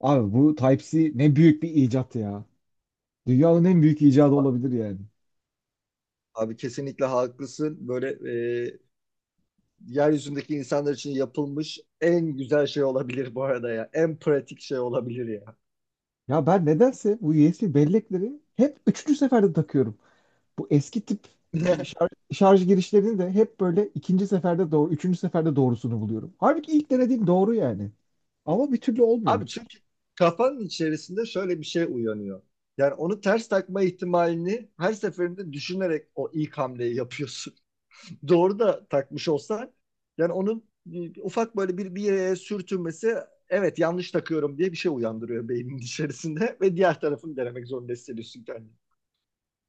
Abi bu Type-C ne büyük bir icat ya. Dünyanın en büyük icadı olabilir yani. Abi kesinlikle haklısın. Böyle e, yeryüzündeki insanlar için yapılmış en güzel şey olabilir bu arada ya. En pratik şey olabilir ya. Ya ben nedense bu USB bellekleri hep üçüncü seferde takıyorum. Bu eski tip şarj girişlerini de hep böyle ikinci seferde doğru, üçüncü seferde doğrusunu buluyorum. Halbuki ilk denediğim doğru yani. Ama bir türlü olmuyor. Abi çünkü kafanın içerisinde şöyle bir şey uyanıyor. Yani onu ters takma ihtimalini her seferinde düşünerek o ilk hamleyi yapıyorsun. Doğru da takmış olsan yani onun ufak böyle bir yere sürtünmesi evet yanlış takıyorum diye bir şey uyandırıyor beynin içerisinde ve diğer tarafını denemek zorunda hissediyorsun kendini.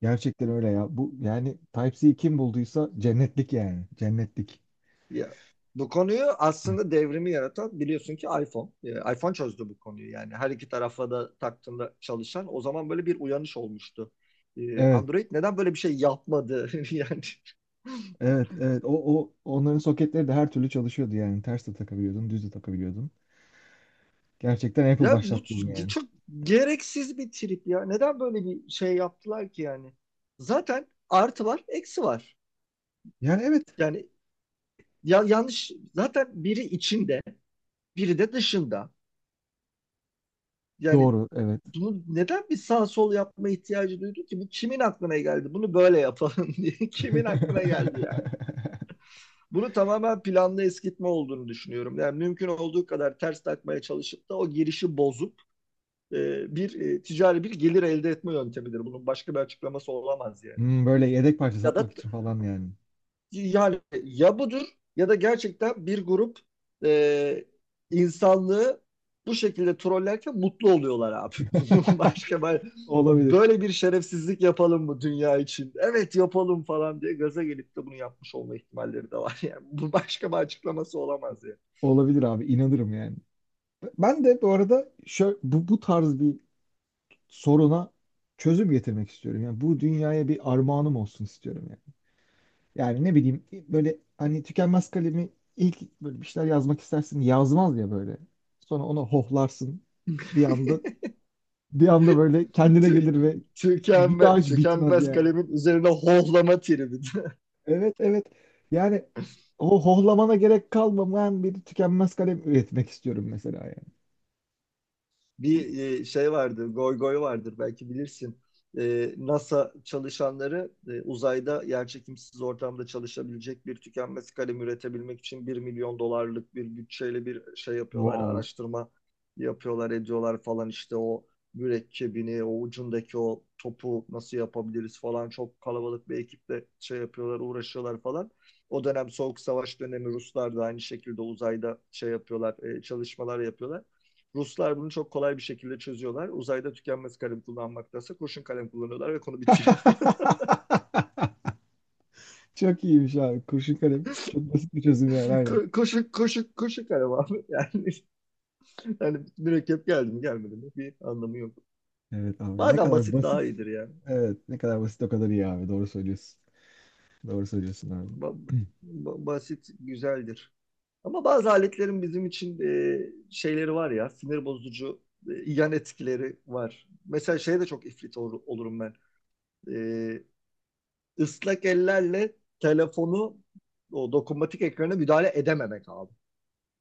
Gerçekten öyle ya. Bu yani Type-C kim bulduysa cennetlik yani. Cennetlik. Ya, bu konuyu aslında devrimi yaratan biliyorsun ki iPhone. iPhone çözdü bu konuyu yani. Her iki tarafla da taktığında çalışan o zaman böyle bir uyanış olmuştu. Evet, Android neden böyle bir şey yapmadı yani. evet, evet. O onların soketleri de her türlü çalışıyordu yani. Ters de takabiliyordun, düz de takabiliyordun. Gerçekten Apple Ya bu başlattı bunu yani. çok gereksiz bir trip ya. Neden böyle bir şey yaptılar ki yani? Zaten artı var, eksi var. Yani evet. Yani ya, yanlış zaten biri içinde, biri de dışında. Yani Doğru evet. bunu neden bir sağ sol yapma ihtiyacı duydu ki? Bu kimin aklına geldi? Bunu böyle yapalım diye. Kimin aklına geldi ya? Bunu tamamen planlı eskitme olduğunu düşünüyorum. Yani mümkün olduğu kadar ters takmaya çalışıp da o girişi bozup bir ticari bir gelir elde etme yöntemidir. Bunun başka bir açıklaması olamaz yani. Hmm, böyle yedek parça Ya da satmak için falan yani. yani ya budur ya da gerçekten bir grup e, insanlığı bu şekilde trollerken mutlu oluyorlar abi. Başka ben- Olabilir. böyle bir şerefsizlik yapalım mı dünya için? Evet yapalım falan diye gaza gelip de bunu yapmış olma ihtimalleri de var. Yani bu başka bir açıklaması olamaz ya. Yani. Olabilir abi inanırım yani. Ben de bu arada şöyle, bu tarz bir soruna çözüm getirmek istiyorum. Yani bu dünyaya bir armağanım olsun istiyorum yani. Yani ne bileyim böyle hani tükenmez kalemi ilk böyle bir şeyler yazmak istersin yazmaz ya böyle. Sonra onu hohlarsın. Bir anda bir anda böyle kendine gelir ve bir daha tükenme, hiç bitmez tükenmez yani. kalemin üzerine hohlama tribi. Evet evet. Yani o hohlamana gerek kalmayan bir tükenmez kalem üretmek istiyorum mesela yani. Bu- Bir şey vardır, goy goy vardır belki bilirsin. NASA çalışanları uzayda yerçekimsiz ortamda çalışabilecek bir tükenmez kalem üretebilmek için 1 milyon dolarlık bir bütçeyle bir şey yapıyorlar, Wow. araştırma yapıyorlar, ediyorlar falan işte o mürekkebini, o ucundaki o topu nasıl yapabiliriz falan çok kalabalık bir ekiple şey yapıyorlar, uğraşıyorlar falan. O dönem Soğuk Savaş dönemi Ruslar da aynı şekilde uzayda şey yapıyorlar, çalışmalar yapıyorlar. Ruslar bunu çok kolay bir şekilde çözüyorlar. Uzayda tükenmez kalem kullanmaktansa kurşun kalem kullanıyorlar ve konu bitiyor. Çok iyiymiş abi. Kurşun kalem. Çok basit bir çözüm yani aynen. Koşun koşun koşun kalem abi. Yani, mürekkep geldi mi gelmedi mi bir anlamı yok. Evet abi ne Bazen kadar basit daha basit. iyidir yani. Evet ne kadar basit o kadar iyi abi. Doğru söylüyorsun. Doğru söylüyorsun abi. Ba- basit güzeldir. Ama bazı aletlerin bizim için şeyleri var ya sinir bozucu yan etkileri var. Mesela şeye de çok ifrit olurum ben. E, ıslak ellerle telefonu o dokunmatik ekrana müdahale edememek abi.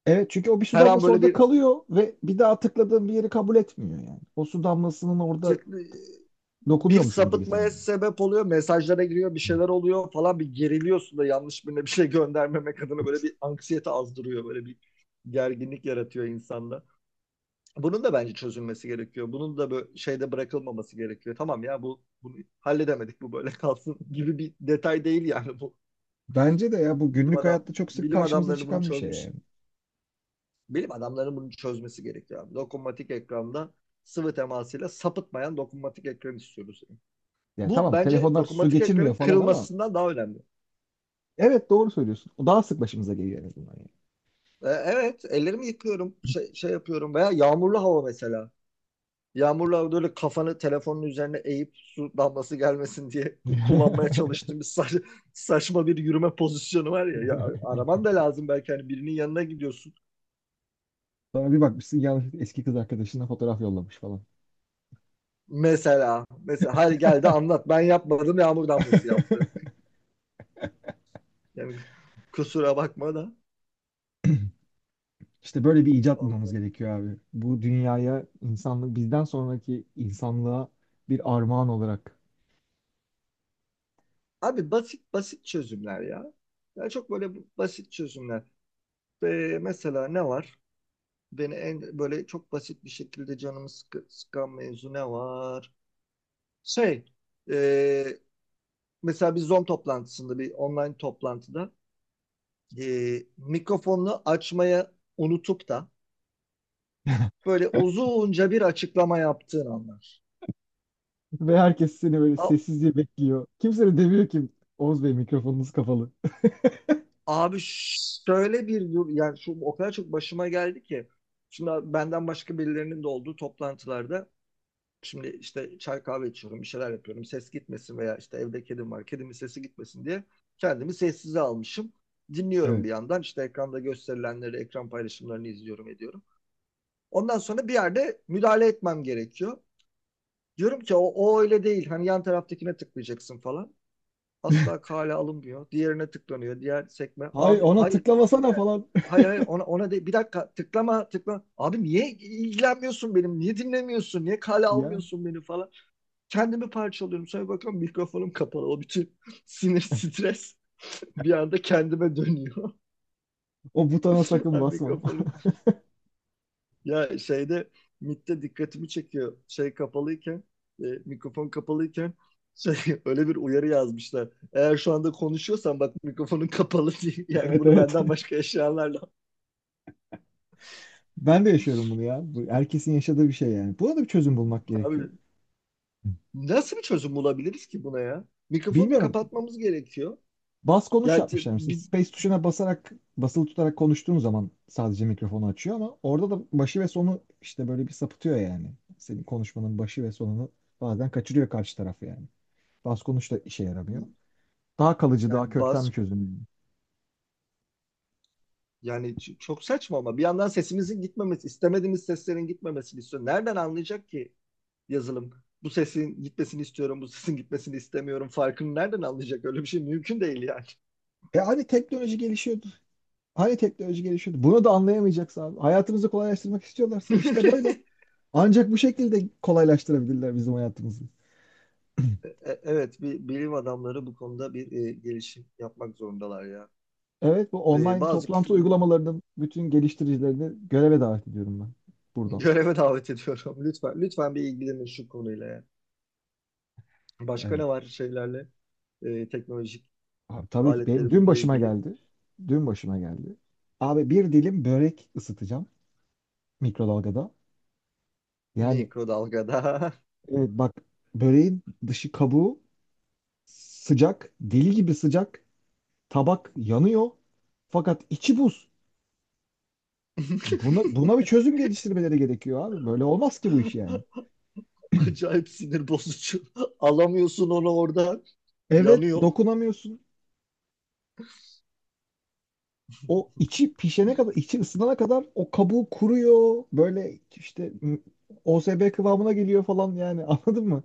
Evet çünkü o bir su Her an damlası böyle orada bir kalıyor ve bir daha tıkladığım bir yeri kabul etmiyor yani. O su damlasının orada dokunuyormuşum gibi sapıtmaya sanıyorum. sebep oluyor. Mesajlara giriyor, bir Hı. şeyler oluyor falan bir geriliyorsun da yanlış birine bir şey göndermemek adına böyle bir anksiyete azdırıyor. Böyle bir gerginlik yaratıyor insanda. Bunun da bence çözülmesi gerekiyor. Bunun da böyle şeyde bırakılmaması gerekiyor. Tamam ya bu bunu halledemedik bu böyle kalsın gibi bir detay değil yani bu. Bence de ya bu Bilim günlük adam hayatta çok sık bilim karşımıza adamları bunu çıkan bir şey çözmüş. yani. Bilim adamlarının bunu çözmesi gerekiyor abi. Dokunmatik ekranda sıvı temasıyla sapıtmayan dokunmatik ekran istiyoruz. Yani Bu tamam bence telefonlar su dokunmatik geçirmiyor ekranın falan ama kırılmasından daha önemli. evet doğru söylüyorsun. O daha sık başımıza geliyor en azından yani. Evet, ellerimi yıkıyorum, şey yapıyorum veya yağmurlu hava mesela. Yağmurlu havada öyle kafanı telefonun üzerine eğip su damlası gelmesin diye kullanmaya çalıştığım bir saçma bir yürüme pozisyonu var ya. Ya, araman da lazım belki hani birinin yanına gidiyorsun. Sonra bir bakmışsın yanlışlıkla eski kız arkadaşına fotoğraf yollamış falan. Mesela, hadi gel de anlat ben yapmadım yağmur damlası yaptı. Yani kusura bakma da. İşte böyle bir icat bulmamız Vallahi. gerekiyor abi. Bu dünyaya insanlık bizden sonraki insanlığa bir armağan olarak. Abi basit basit çözümler ya. Yani çok böyle basit çözümler. Ve mesela ne var? Beni en böyle çok basit bir şekilde canımı sıkan mevzu ne var? Şey, e, mesela, bir Zoom toplantısında, bir online toplantıda mikrofonunu açmaya unutup da böyle uzunca bir açıklama yaptığın anlar. Ve herkes seni böyle A- sessizce bekliyor. Kimse de demiyor ki Oğuz Bey mikrofonunuz kapalı. abi şöyle bir dur, yani şu o kadar çok başıma geldi ki. Şimdi abi benden başka birilerinin de olduğu toplantılarda. Şimdi işte çay kahve içiyorum, bir şeyler yapıyorum. Ses gitmesin veya işte evde kedim var. Kedimin sesi gitmesin diye kendimi sessize almışım. Dinliyorum Evet. bir yandan. İşte ekranda gösterilenleri, ekran paylaşımlarını izliyorum, ediyorum. Ondan sonra bir yerde müdahale etmem gerekiyor. Diyorum ki o öyle değil. Hani yan taraftakine tıklayacaksın falan. Asla kale alınmıyor. Diğerine tıklanıyor. Diğer sekme. Hayır Abi ona hayır geri tıklamasana gel. falan. Hayır, hayır, ona de bir dakika tıklama tıklama. Abi niye ilgilenmiyorsun benim? Niye dinlemiyorsun? Niye kale Yani almıyorsun beni falan. Kendimi parçalıyorum. Sonra bakıyorum mikrofonum kapalı. O bütün sinir, stres bir anda kendime dönüyor. o butona sakın Ben basma. mikrofonu ya şeyde MIT'te dikkatimi çekiyor. Şey kapalıyken mikrofon kapalıyken şey, öyle bir uyarı yazmışlar. Eğer şu anda konuşuyorsan bak mikrofonun kapalı diye. Yani Evet bunu evet. benden başka yaşayanlarla. Ben de yaşıyorum bunu ya. Bu herkesin yaşadığı bir şey yani. Buna da bir çözüm bulmak gerekiyor. Abi nasıl bir çözüm bulabiliriz ki buna ya? Mikrofonu Bilmiyorum. kapatmamız gerekiyor. Bas konuş Yani, yapmışlar mesela. bir, Space tuşuna basarak, basılı tutarak konuştuğun zaman sadece mikrofonu açıyor ama orada da başı ve sonu işte böyle bir sapıtıyor yani. Senin konuşmanın başı ve sonunu bazen kaçırıyor karşı taraf yani. Bas konuş da işe yaramıyor. Daha kalıcı, daha yani kökten bas bir çözüm yani. Yani ç- çok saçma ama bir yandan sesimizin gitmemesi, istemediğimiz seslerin gitmemesini istiyor. Nereden anlayacak ki yazılım? Bu sesin gitmesini istiyorum, bu sesin gitmesini istemiyorum. Farkını nereden anlayacak? Öyle bir şey mümkün değil yani. E hani teknoloji gelişiyordu. Hani teknoloji gelişiyordu. Bunu da anlayamayacaksa abi. Hayatımızı kolaylaştırmak istiyorlarsa işte böyle. Ancak bu şekilde kolaylaştırabilirler bizim hayatımızı. Evet, bir bilim adamları bu konuda bir gelişim yapmak zorundalar ya. Evet, bu E, online bazı k- toplantı bu- uygulamalarının bütün geliştiricilerini göreve davet ediyorum ben buradan. Göreve davet ediyorum. Lütfen, lütfen bir ilgilenin şu konuyla ya. Başka ne Evet. var şeylerle? Teknolojik Abi, tabii ki benim dün aletlerimizle başıma ilgili geldi. Dün başıma geldi. Abi bir dilim börek ısıtacağım mikrodalgada. Yani mikrodalgada. evet bak, böreğin dışı kabuğu sıcak, deli gibi sıcak. Tabak yanıyor. Fakat içi buz. Buna, buna bir çözüm geliştirmeleri gerekiyor abi. Böyle olmaz ki bu iş yani. Acayip sinir bozucu. Alamıyorsun onu oradan. Evet Yanıyor. dokunamıyorsun. O içi pişene kadar, içi ısınana kadar o kabuğu kuruyor. OSB kıvamına geliyor falan yani anladın mı?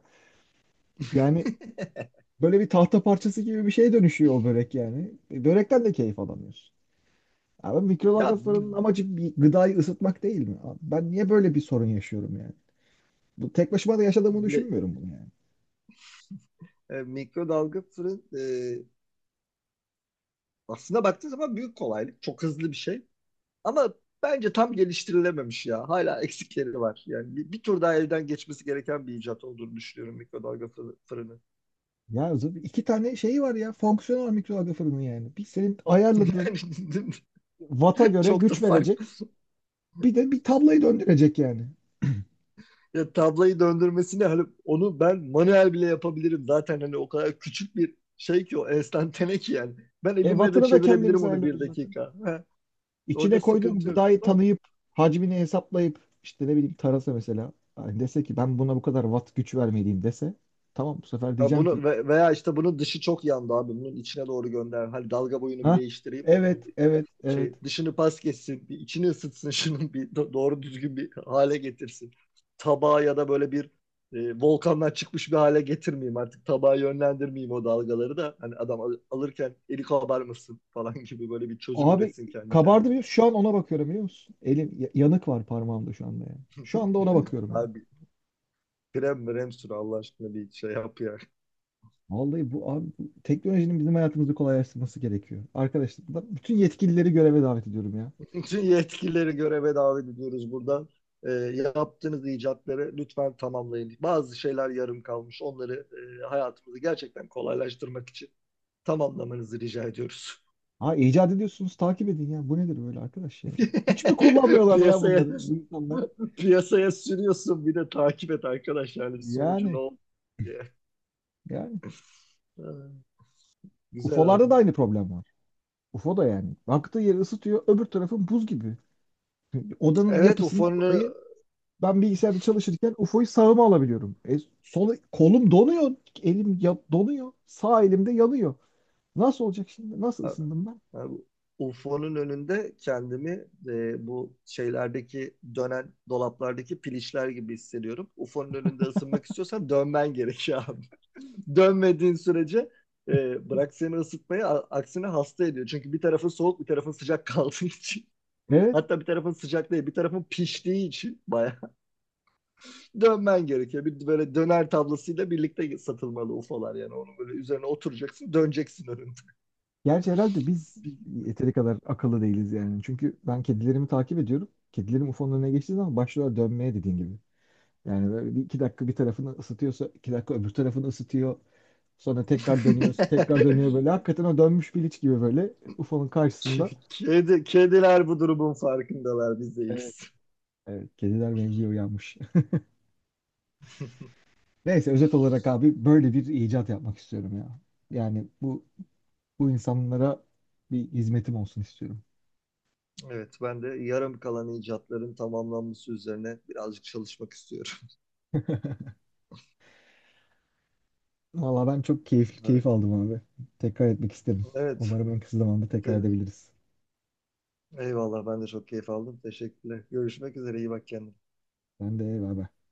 Yani böyle bir tahta parçası gibi bir şeye dönüşüyor o börek yani. E, Börekten de keyif alamıyorsun. Abi Ya, mikrodalga bi- fırının amacı bir gıdayı ısıtmak değil mi? Abi ben niye böyle bir sorun yaşıyorum yani? Bu tek başıma da yaşadığımı bi- düşünmüyorum bunu yani. Mikrodalga fırın aslında baktığın zaman büyük kolaylık. Çok hızlı bir şey. Ama bence tam geliştirilememiş ya. Hala eksikleri var. Yani bir tur daha elden geçmesi gereken bir icat olduğunu düşünüyorum mikrodalga fırını. İki tane şey var ya fonksiyonel mikrodalga fırını yani. Bir senin ayarladığın Yani vata göre çok da güç fark verecek. Bir de bir tablayı döndürecek yani. Ya, tablayı döndürmesini hani onu ben manuel bile yapabilirim. Zaten hani o kadar küçük bir şey ki o enstantane ki yani. Ben E, elimle de vatını da kendimiz çevirebilirim onu bir ayarlıyoruz zaten. dakika. Ha, İçine orada koyduğum sıkıntı yok gıdayı ama tanıyıp, hacmini hesaplayıp, işte ne bileyim tarasa mesela. Hani dese ki ben buna bu kadar watt güç vermeliyim dese. Tamam bu sefer ha, diyeceğim ki bunu veya işte bunun dışı çok yandı abi. Bunun içine doğru gönder. Hani dalga boyunu bir ha, değiştireyim de bunun evet evet evet. Dışını pas geçsin, bir içini ısıtsın şunun bir doğru düzgün bir hale getirsin. Tabağı ya da böyle bir volkandan çıkmış bir hale getirmeyeyim artık. Tabağı yönlendirmeyeyim o dalgaları da. Hani adam alırken eli kabarmasın falan gibi böyle bir çözüm Abi üretsin kendi kabardı kendine. biliyor musun? Şu an ona bakıyorum biliyor musun? Yanık var parmağımda şu anda yani. Şu anda ona bakıyorum yani. Abi krem mrem sür Allah aşkına bir şey yap ya. Vallahi bu abi bu teknolojinin bizim hayatımızı kolaylaştırması gerekiyor. Arkadaşlar ben bütün yetkilileri göreve davet ediyorum ya. Bütün yetkilileri göreve davet ediyoruz buradan. E, yaptığınız icatları lütfen tamamlayın. Bazı şeyler yarım kalmış. Onları hayatımızı gerçekten kolaylaştırmak için tamamlamanızı rica ediyoruz. Ha, icat ediyorsunuz, takip edin ya. Bu nedir böyle arkadaş yani? Hiç mi kullanmıyorlar ya Piyasaya bunları bu insanlar? piyasaya sürüyorsun bir de takip et arkadaş yani bir sonucu ne Yani oldu diye. yani. Ha, güzel UFO'larda abi. da aynı problem var. UFO da yani. Baktığı yeri ısıtıyor, öbür tarafın buz gibi. Odanın Evet, yapısından dolayı ben bilgisayarda çalışırken UFO'yu sağıma alabiliyorum. E, sol, kolum donuyor. Donuyor. Sağ elimde yanıyor. Nasıl olacak şimdi? Nasıl ısındım ben? UFO'nun önünde kendimi bu şeylerdeki dönen dolaplardaki piliçler gibi hissediyorum. UFO'nun önünde ısınmak istiyorsan dönmen gerekiyor abi. Dönmediğin sürece bırak seni ısıtmayı aksine hasta ediyor. Çünkü bir tarafın soğuk bir tarafın sıcak kaldığı için. Evet. Hatta bir tarafın sıcak değil, bir tarafın piştiği için bayağı dönmen gerekiyor. Bir böyle döner tablasıyla birlikte satılmalı UFO'lar yani. Onun böyle üzerine oturacaksın, döneceksin önünde. Gerçi herhalde biz yeteri kadar akıllı değiliz yani. Çünkü ben kedilerimi takip ediyorum. Kedilerim UFO'nun önüne geçtiği zaman başlıyorlar dönmeye dediğin gibi. Yani böyle bir iki dakika bir tarafını ısıtıyorsa iki dakika öbür tarafını ısıtıyor. Sonra tekrar dönüyor, tekrar dönüyor böyle. Hakikaten o dönmüş biliç gibi böyle UFO'nun karşısında. Kediler bu durumun farkındalar, biz Evet, değiliz. evet. Kediler mevzuya uyanmış. Neyse özet olarak abi böyle bir icat yapmak istiyorum ya. Yani bu bu insanlara bir hizmetim olsun istiyorum. Evet, ben de yarım kalan icatların tamamlanması üzerine birazcık çalışmak istiyorum. Valla ben çok keyifli Evet, keyif aldım abi. Tekrar etmek isterim. evet. Umarım en kısa zamanda tekrar edebiliriz. Eyvallah ben de çok keyif aldım. Teşekkürler. Görüşmek üzere, iyi bak kendine. Ben de eyvallah.